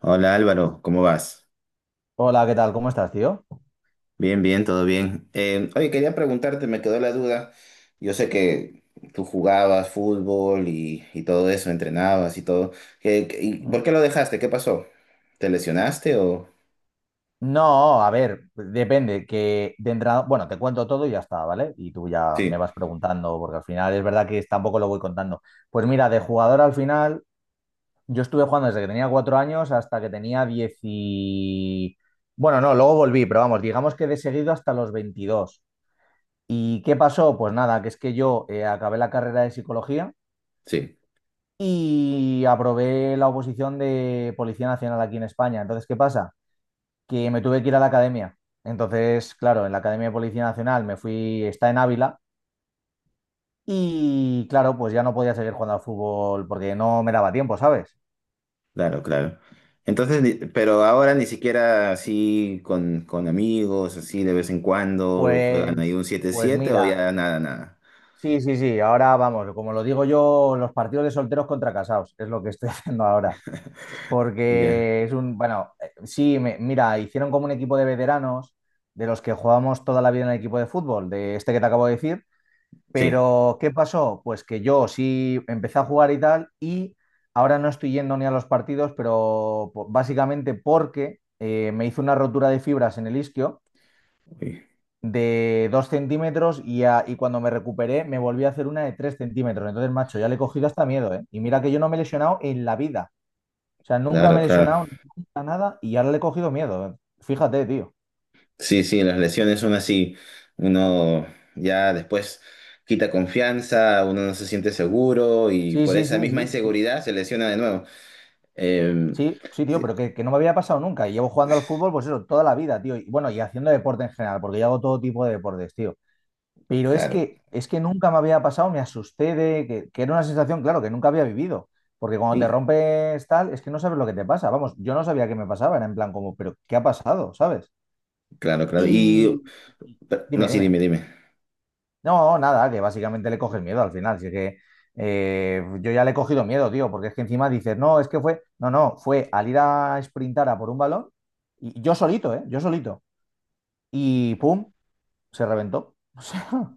Hola Álvaro, ¿cómo vas? Hola, ¿qué tal? ¿Cómo estás, tío? Bien, bien, todo bien. Oye, quería preguntarte, me quedó la duda. Yo sé que tú jugabas fútbol y todo eso, entrenabas y todo. ¿Y por Mm. qué lo dejaste? ¿Qué pasó? ¿Te lesionaste o? No, a ver, depende, que de entrada, bueno, te cuento todo y ya está, ¿vale? Y tú ya me Sí, vas preguntando, porque al final es verdad que tampoco lo voy contando. Pues mira, de jugador al final, yo estuve jugando desde que tenía 4 años hasta que tenía 10 y... Bueno, no, luego volví, pero vamos, digamos que de seguido hasta los 22. ¿Y qué pasó? Pues nada, que es que yo acabé la carrera de psicología sí, y aprobé la oposición de Policía Nacional aquí en España. Entonces, ¿qué pasa? Que me tuve que ir a la academia. Entonces, claro, en la Academia de Policía Nacional me fui, está en Ávila, y claro, pues ya no podía seguir jugando al fútbol porque no me daba tiempo, ¿sabes? claro, claro. Entonces, pero ahora ni siquiera así con amigos, así de vez en cuando, juegan ahí Pues, un siete pues siete o mira, ya nada, nada. sí, sí, sí, ahora vamos, como lo digo yo, los partidos de solteros contra casados, es lo que estoy haciendo ahora. Ya, Porque es un, bueno, sí, mira, hicieron como un equipo de veteranos de los que jugábamos toda la vida en el equipo de fútbol, de este que te acabo de decir. sí, Pero, ¿qué pasó? Pues que yo sí empecé a jugar y tal, y ahora no estoy yendo ni a los partidos, pero básicamente porque me hice una rotura de fibras en el isquio uy, de 2 centímetros y, y cuando me recuperé me volví a hacer una de 3 centímetros. Entonces, macho, ya le he cogido hasta miedo, ¿eh? Y mira que yo no me he lesionado en la vida. O sea, nunca claro, me he claro. lesionado, nunca nada, y ahora le he cogido miedo, ¿eh? Fíjate, tío. Sí, sí, las lesiones son así. Uno ya después quita confianza, uno no se siente seguro y Sí, por sí, esa sí, misma sí, sí. inseguridad se lesiona de nuevo. Eh, Sí, sí, tío, sí, pero que no me había pasado nunca. Y llevo jugando al fútbol, pues eso, toda la vida, tío. Y bueno, y haciendo deporte en general, porque yo hago todo tipo de deportes, tío. Pero claro. Es que nunca me había pasado, me asusté de que era una sensación, claro, que nunca había vivido. Porque cuando te Y, rompes tal, es que no sabes lo que te pasa. Vamos, yo no sabía qué me pasaba, era en plan como, pero ¿qué ha pasado? ¿Sabes? claro, claro. Y, Y no, dime, sí, dime. dime, dime. No, nada, que básicamente le coges miedo al final. Así que yo ya le he cogido miedo, tío, porque es que encima dices, no, es que fue, no, no, fue al ir a sprintar a por un balón, y yo solito, ¿eh? Yo solito. Y pum, se reventó. O sea,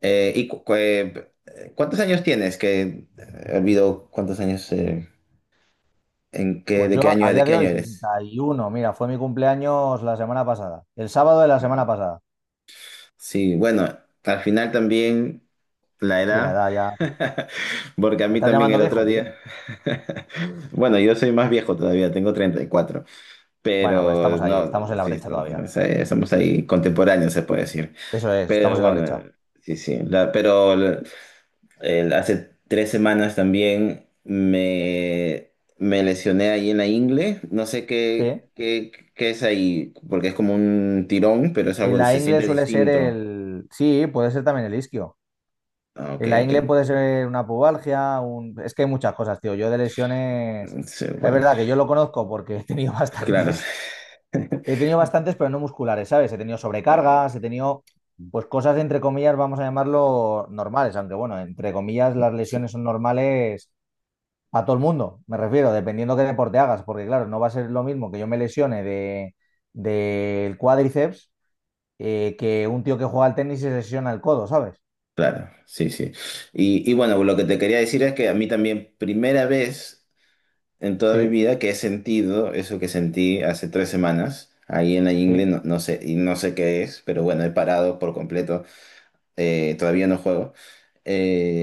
¿Y cuántos años tienes? Que olvido cuántos años, en qué, pues yo a de día qué de año hoy, eres. 31, mira, fue mi cumpleaños la semana pasada, el sábado de la semana pasada. Sí, bueno, al final también la Sí, la edad, edad ya, sí. porque a ¿Me mí estás también llamando el otro viejo, tío? día, bueno, yo soy más viejo todavía, tengo 34, Bueno, pues pero estamos ahí, no, estamos en la sí, brecha no, todavía. no sé, somos ahí contemporáneos, se puede decir. Eso es, estamos Pero en la bueno, brecha. sí, sí, hace 3 semanas también me lesioné ahí en la ingle, no sé Sí. qué, es ahí, porque es como un tirón, pero es algo En que la se ingle siente suele ser distinto. el. Sí, puede ser también el isquio. Ah, ok, En la ok. ingle puede ser una pubalgia, un... es que hay muchas cosas, tío. Yo de lesiones, Sí, es bueno, verdad que yo lo conozco porque he tenido claro. bastantes, he tenido bastantes, pero no musculares, ¿sabes? He tenido sobrecargas, he Ah, tenido, pues cosas entre comillas, vamos a llamarlo normales, aunque bueno, entre comillas las sí, lesiones son normales a todo el mundo, me refiero, dependiendo qué deporte hagas, porque claro, no va a ser lo mismo que yo me lesione de, del cuádriceps que un tío que juega al tenis y se lesiona el codo, ¿sabes? claro, sí, sí. Y bueno, lo que te quería decir es que a mí también, primera vez en toda mi Sí, vida que he sentido eso que sentí hace 3 semanas, ahí en la ingle, sí. no, no sé, y no sé qué es, pero bueno, he parado por completo, todavía no juego.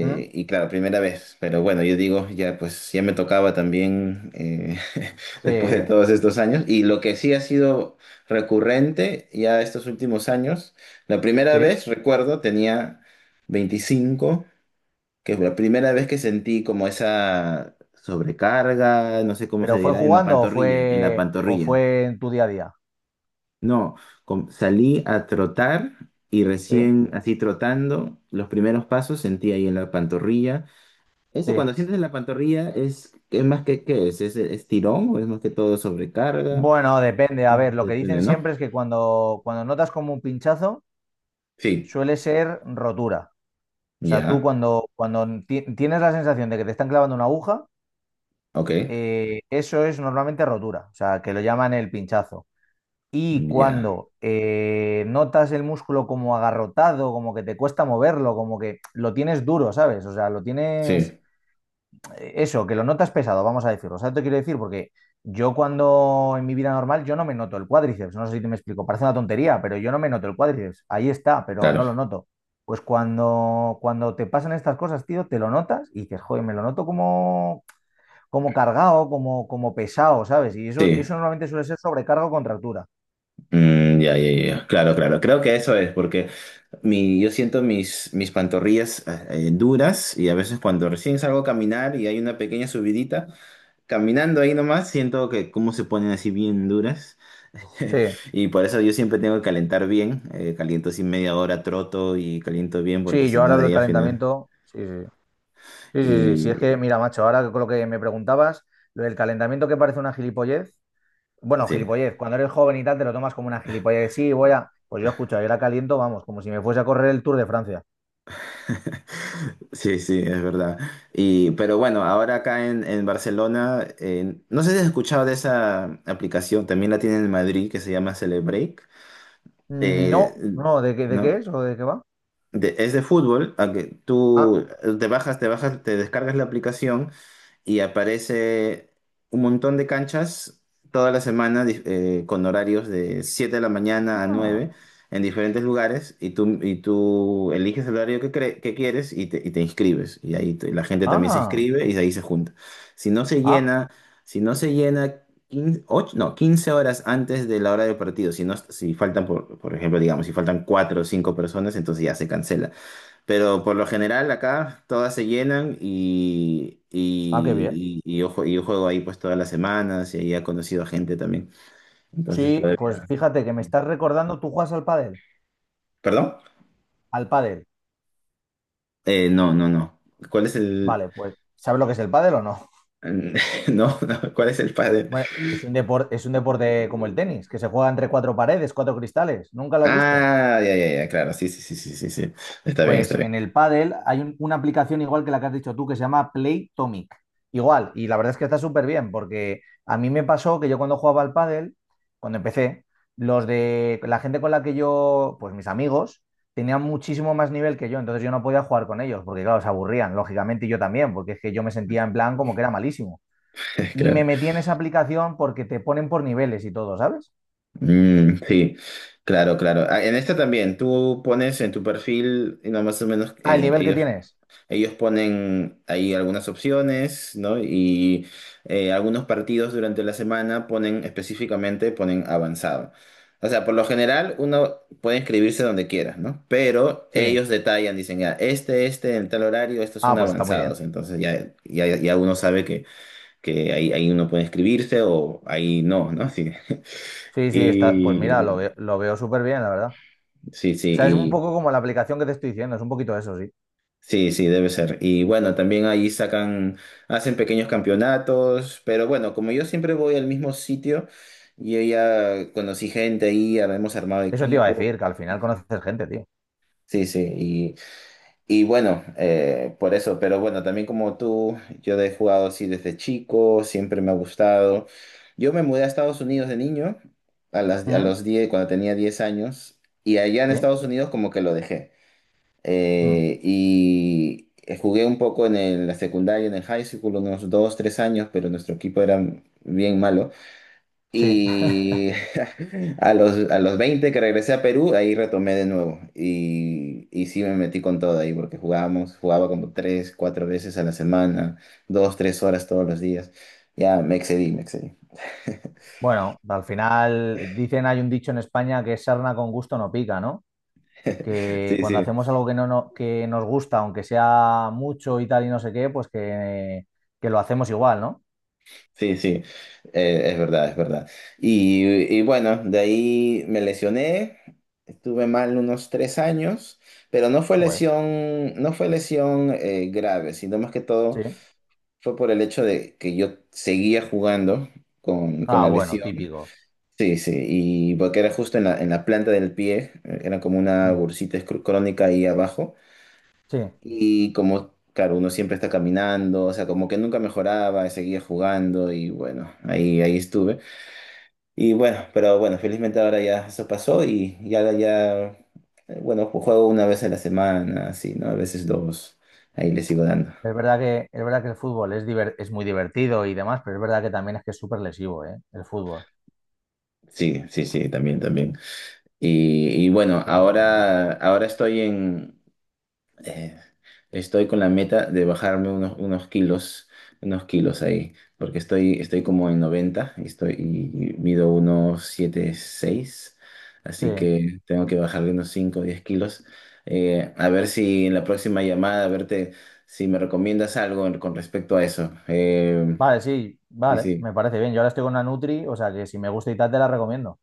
¿Mm? Y claro, primera vez, pero bueno, yo digo, ya pues ya me tocaba también Sí. después de todos estos años. Y lo que sí ha sido recurrente ya estos últimos años, la primera Sí, vez, recuerdo, tenía 25, que fue la primera vez que sentí como esa sobrecarga, no sé cómo se pero fue dirá, en la jugando pantorrilla, en la o pantorrilla. fue en tu día a día. No, salí a trotar y Sí, recién así trotando, los primeros pasos sentí ahí en la pantorrilla. Eso sí. cuando sientes en la pantorrilla es, más que qué es tirón o es más que todo sobrecarga, Bueno, depende. A ver, lo que dicen depende, ¿no? siempre es que cuando notas como un pinchazo, Sí, suele ser rotura. O sea, tú ya, cuando tienes la sensación de que te están clavando una aguja, ok, eso es normalmente rotura. O sea, que lo llaman el pinchazo. Y ya, cuando notas el músculo como agarrotado, como que te cuesta moverlo, como que lo tienes duro, ¿sabes? O sea, lo tienes sí, eso, que lo notas pesado, vamos a decirlo. ¿Sabes te quiero decir? Porque yo cuando en mi vida normal yo no me noto el cuádriceps, no sé si te me explico, parece una tontería, pero yo no me noto el cuádriceps, ahí está, pero no claro, lo noto. Pues cuando te pasan estas cosas, tío, te lo notas y dices, joder, me lo noto como, como cargado, como, como pesado, ¿sabes? Y eso, sí, eso normalmente suele ser sobrecarga o contractura. mm, ya, ya, ya, ya, claro, claro, creo que eso es porque yo siento mis pantorrillas duras, y a veces cuando recién salgo a caminar y hay una pequeña subidita, caminando ahí nomás, siento que cómo se ponen así bien duras. Sí, Y por eso yo siempre tengo que calentar bien. Caliento así media hora, troto y caliento bien porque sí, si yo no, ahora de el ahí al final. calentamiento, sí, sí. Sí, sí, sí, sí, es que, Y mira, macho, ahora con lo que me preguntabas, lo del calentamiento que parece una gilipollez. Bueno, sí, gilipollez, cuando eres joven y tal, te lo tomas como una gilipollez. Sí, voy a. Pues yo escucho, yo la caliento, vamos, como si me fuese a correr el Tour de Francia. sí, sí, es verdad. Y, pero bueno, ahora acá en Barcelona, no sé si has escuchado de esa aplicación, también la tienen en Madrid, que se llama Celebreak. Eh, No, no, ¿de qué, de ¿No? qué es o de qué va? Es de fútbol, aunque Ah, tú te descargas la aplicación, y aparece un montón de canchas toda la semana, con horarios de siete de la mañana a ah, nueve en diferentes lugares, y tú eliges el horario que, que quieres y te inscribes. Y ahí la gente también se ah, inscribe y de ahí se junta. Si no se ah, llena, si no se llena... 15, och- no, 15 horas antes de la hora del partido. Si, no, si faltan, por ejemplo, digamos, si faltan 4 o 5 personas, entonces ya se cancela. Pero por lo general acá todas se llenan y, ah, qué bien. y, y- y yo, yo juego ahí pues todas las semanas y ahí he conocido a gente también. Entonces Sí, pues todavía... fíjate que me sí. estás recordando, ¿tú juegas al pádel? ¿Perdón? Al pádel. No, no, no. ¿Cuál es el? Vale, pues, ¿sabes lo que es el pádel o no? No, no, ¿cuál es el padre? Bueno, es un deporte como el tenis, que se juega entre cuatro paredes, cuatro cristales. ¿Nunca lo has visto? Ah, ya, ya, ya, claro, sí, sí, sí, sí, sí, sí. Está Pues bien, en el pádel hay una aplicación igual que la que has dicho tú que se llama Playtomic. Igual, y la verdad es que está súper bien porque a mí me pasó que yo cuando jugaba al pádel, cuando empecé, los de la gente con la que yo, pues mis amigos, tenían muchísimo más nivel que yo, entonces yo no podía jugar con ellos porque claro, se aburrían, lógicamente, y yo también, porque es que yo me sentía en plan como que era malísimo. Y me claro. metí en esa aplicación porque te ponen por niveles y todo, ¿sabes? Mm, sí, claro, claro. Ah, en esta también, tú pones en tu perfil, y no, más o menos, Ah, el nivel que tienes. ellos ponen ahí algunas opciones, ¿no? Y algunos partidos durante la semana ponen específicamente, ponen avanzado. O sea, por lo general uno puede inscribirse donde quiera, ¿no? Pero Sí. ellos detallan, dicen, ya, este, en tal horario, estos Ah, son pues está muy avanzados. bien. Entonces ya, ya, ya uno sabe que ahí, ahí uno puede inscribirse o ahí no, ¿no? Sí. Sí, sí, está, pues mira, lo, Y lo veo súper bien, la verdad. sí, O sea, es un sí. poco como la aplicación que te estoy diciendo, es un poquito eso, sí. Sí, sí, debe ser. Y bueno, también ahí sacan, hacen pequeños campeonatos, pero bueno, como yo siempre voy al mismo sitio, yo ya conocí gente ahí, ya hemos armado Eso te iba a equipo. decir, que al final conoces gente, tío. Sí, sí, y bueno, por eso, pero bueno, también como tú, yo he jugado así desde chico, siempre me ha gustado. Yo me mudé a Estados Unidos de niño, a ¿Mm? los diez, cuando tenía 10 años, y allá en ¿Sí? Estados Unidos como que lo dejé. Mm, Jugué un poco en la secundaria, en el high school, unos dos, tres años, pero nuestro equipo era bien malo. sí. Y a los 20 que regresé a Perú, ahí retomé de nuevo. Y sí me metí con todo ahí, porque jugábamos, jugaba como tres, cuatro veces a la semana, dos, tres horas todos los días. Ya me excedí, me excedí. Bueno, al final dicen, hay un dicho en España que es sarna con gusto no pica, ¿no? Que Sí, cuando sí. hacemos algo que no, que nos gusta, aunque sea mucho y tal y no sé qué, pues que lo hacemos igual, ¿no? Sí, sí, es verdad, es verdad. Y, y bueno, de ahí me lesioné, estuve mal unos 3 años, pero no fue Joder, lesión, no fue lesión grave, sino más que todo sí. fue por el hecho de que yo seguía jugando con Ah, la bueno, lesión. típico. Sí, sí, y porque era justo en la planta del pie, era como una Mm, bursita crónica ahí abajo. sí. Y como, claro, uno siempre está caminando, o sea, como que nunca mejoraba, seguía jugando y bueno, ahí, ahí estuve. Y bueno, pero bueno, felizmente ahora ya eso pasó y ya, ya, bueno, juego una vez a la semana, así, ¿no? A veces dos, ahí le sigo dando. Es verdad que el fútbol es, es muy divertido y demás, pero es verdad que también es que es súper lesivo, ¿eh? El fútbol. Sí, sí, sí, también, también. Y bueno, Pero bueno, tío. ahora estoy eh, estoy con la meta de bajarme unos kilos ahí, porque estoy como en 90 y, y mido unos siete seis, Sí, así que tengo que bajarle unos 5 o 10 kilos. A ver si en la próxima llamada, a verte si me recomiendas algo con respecto a eso. Vale, sí, Sí, vale, me sí, parece bien. Yo ahora estoy con una Nutri, o sea que si me gusta y tal, te la recomiendo.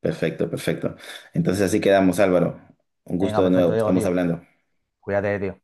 perfecto, perfecto. Entonces así quedamos, Álvaro. Un Venga, gusto de perfecto, nuevo, Diego, estamos tío. hablando. Cuídate, tío.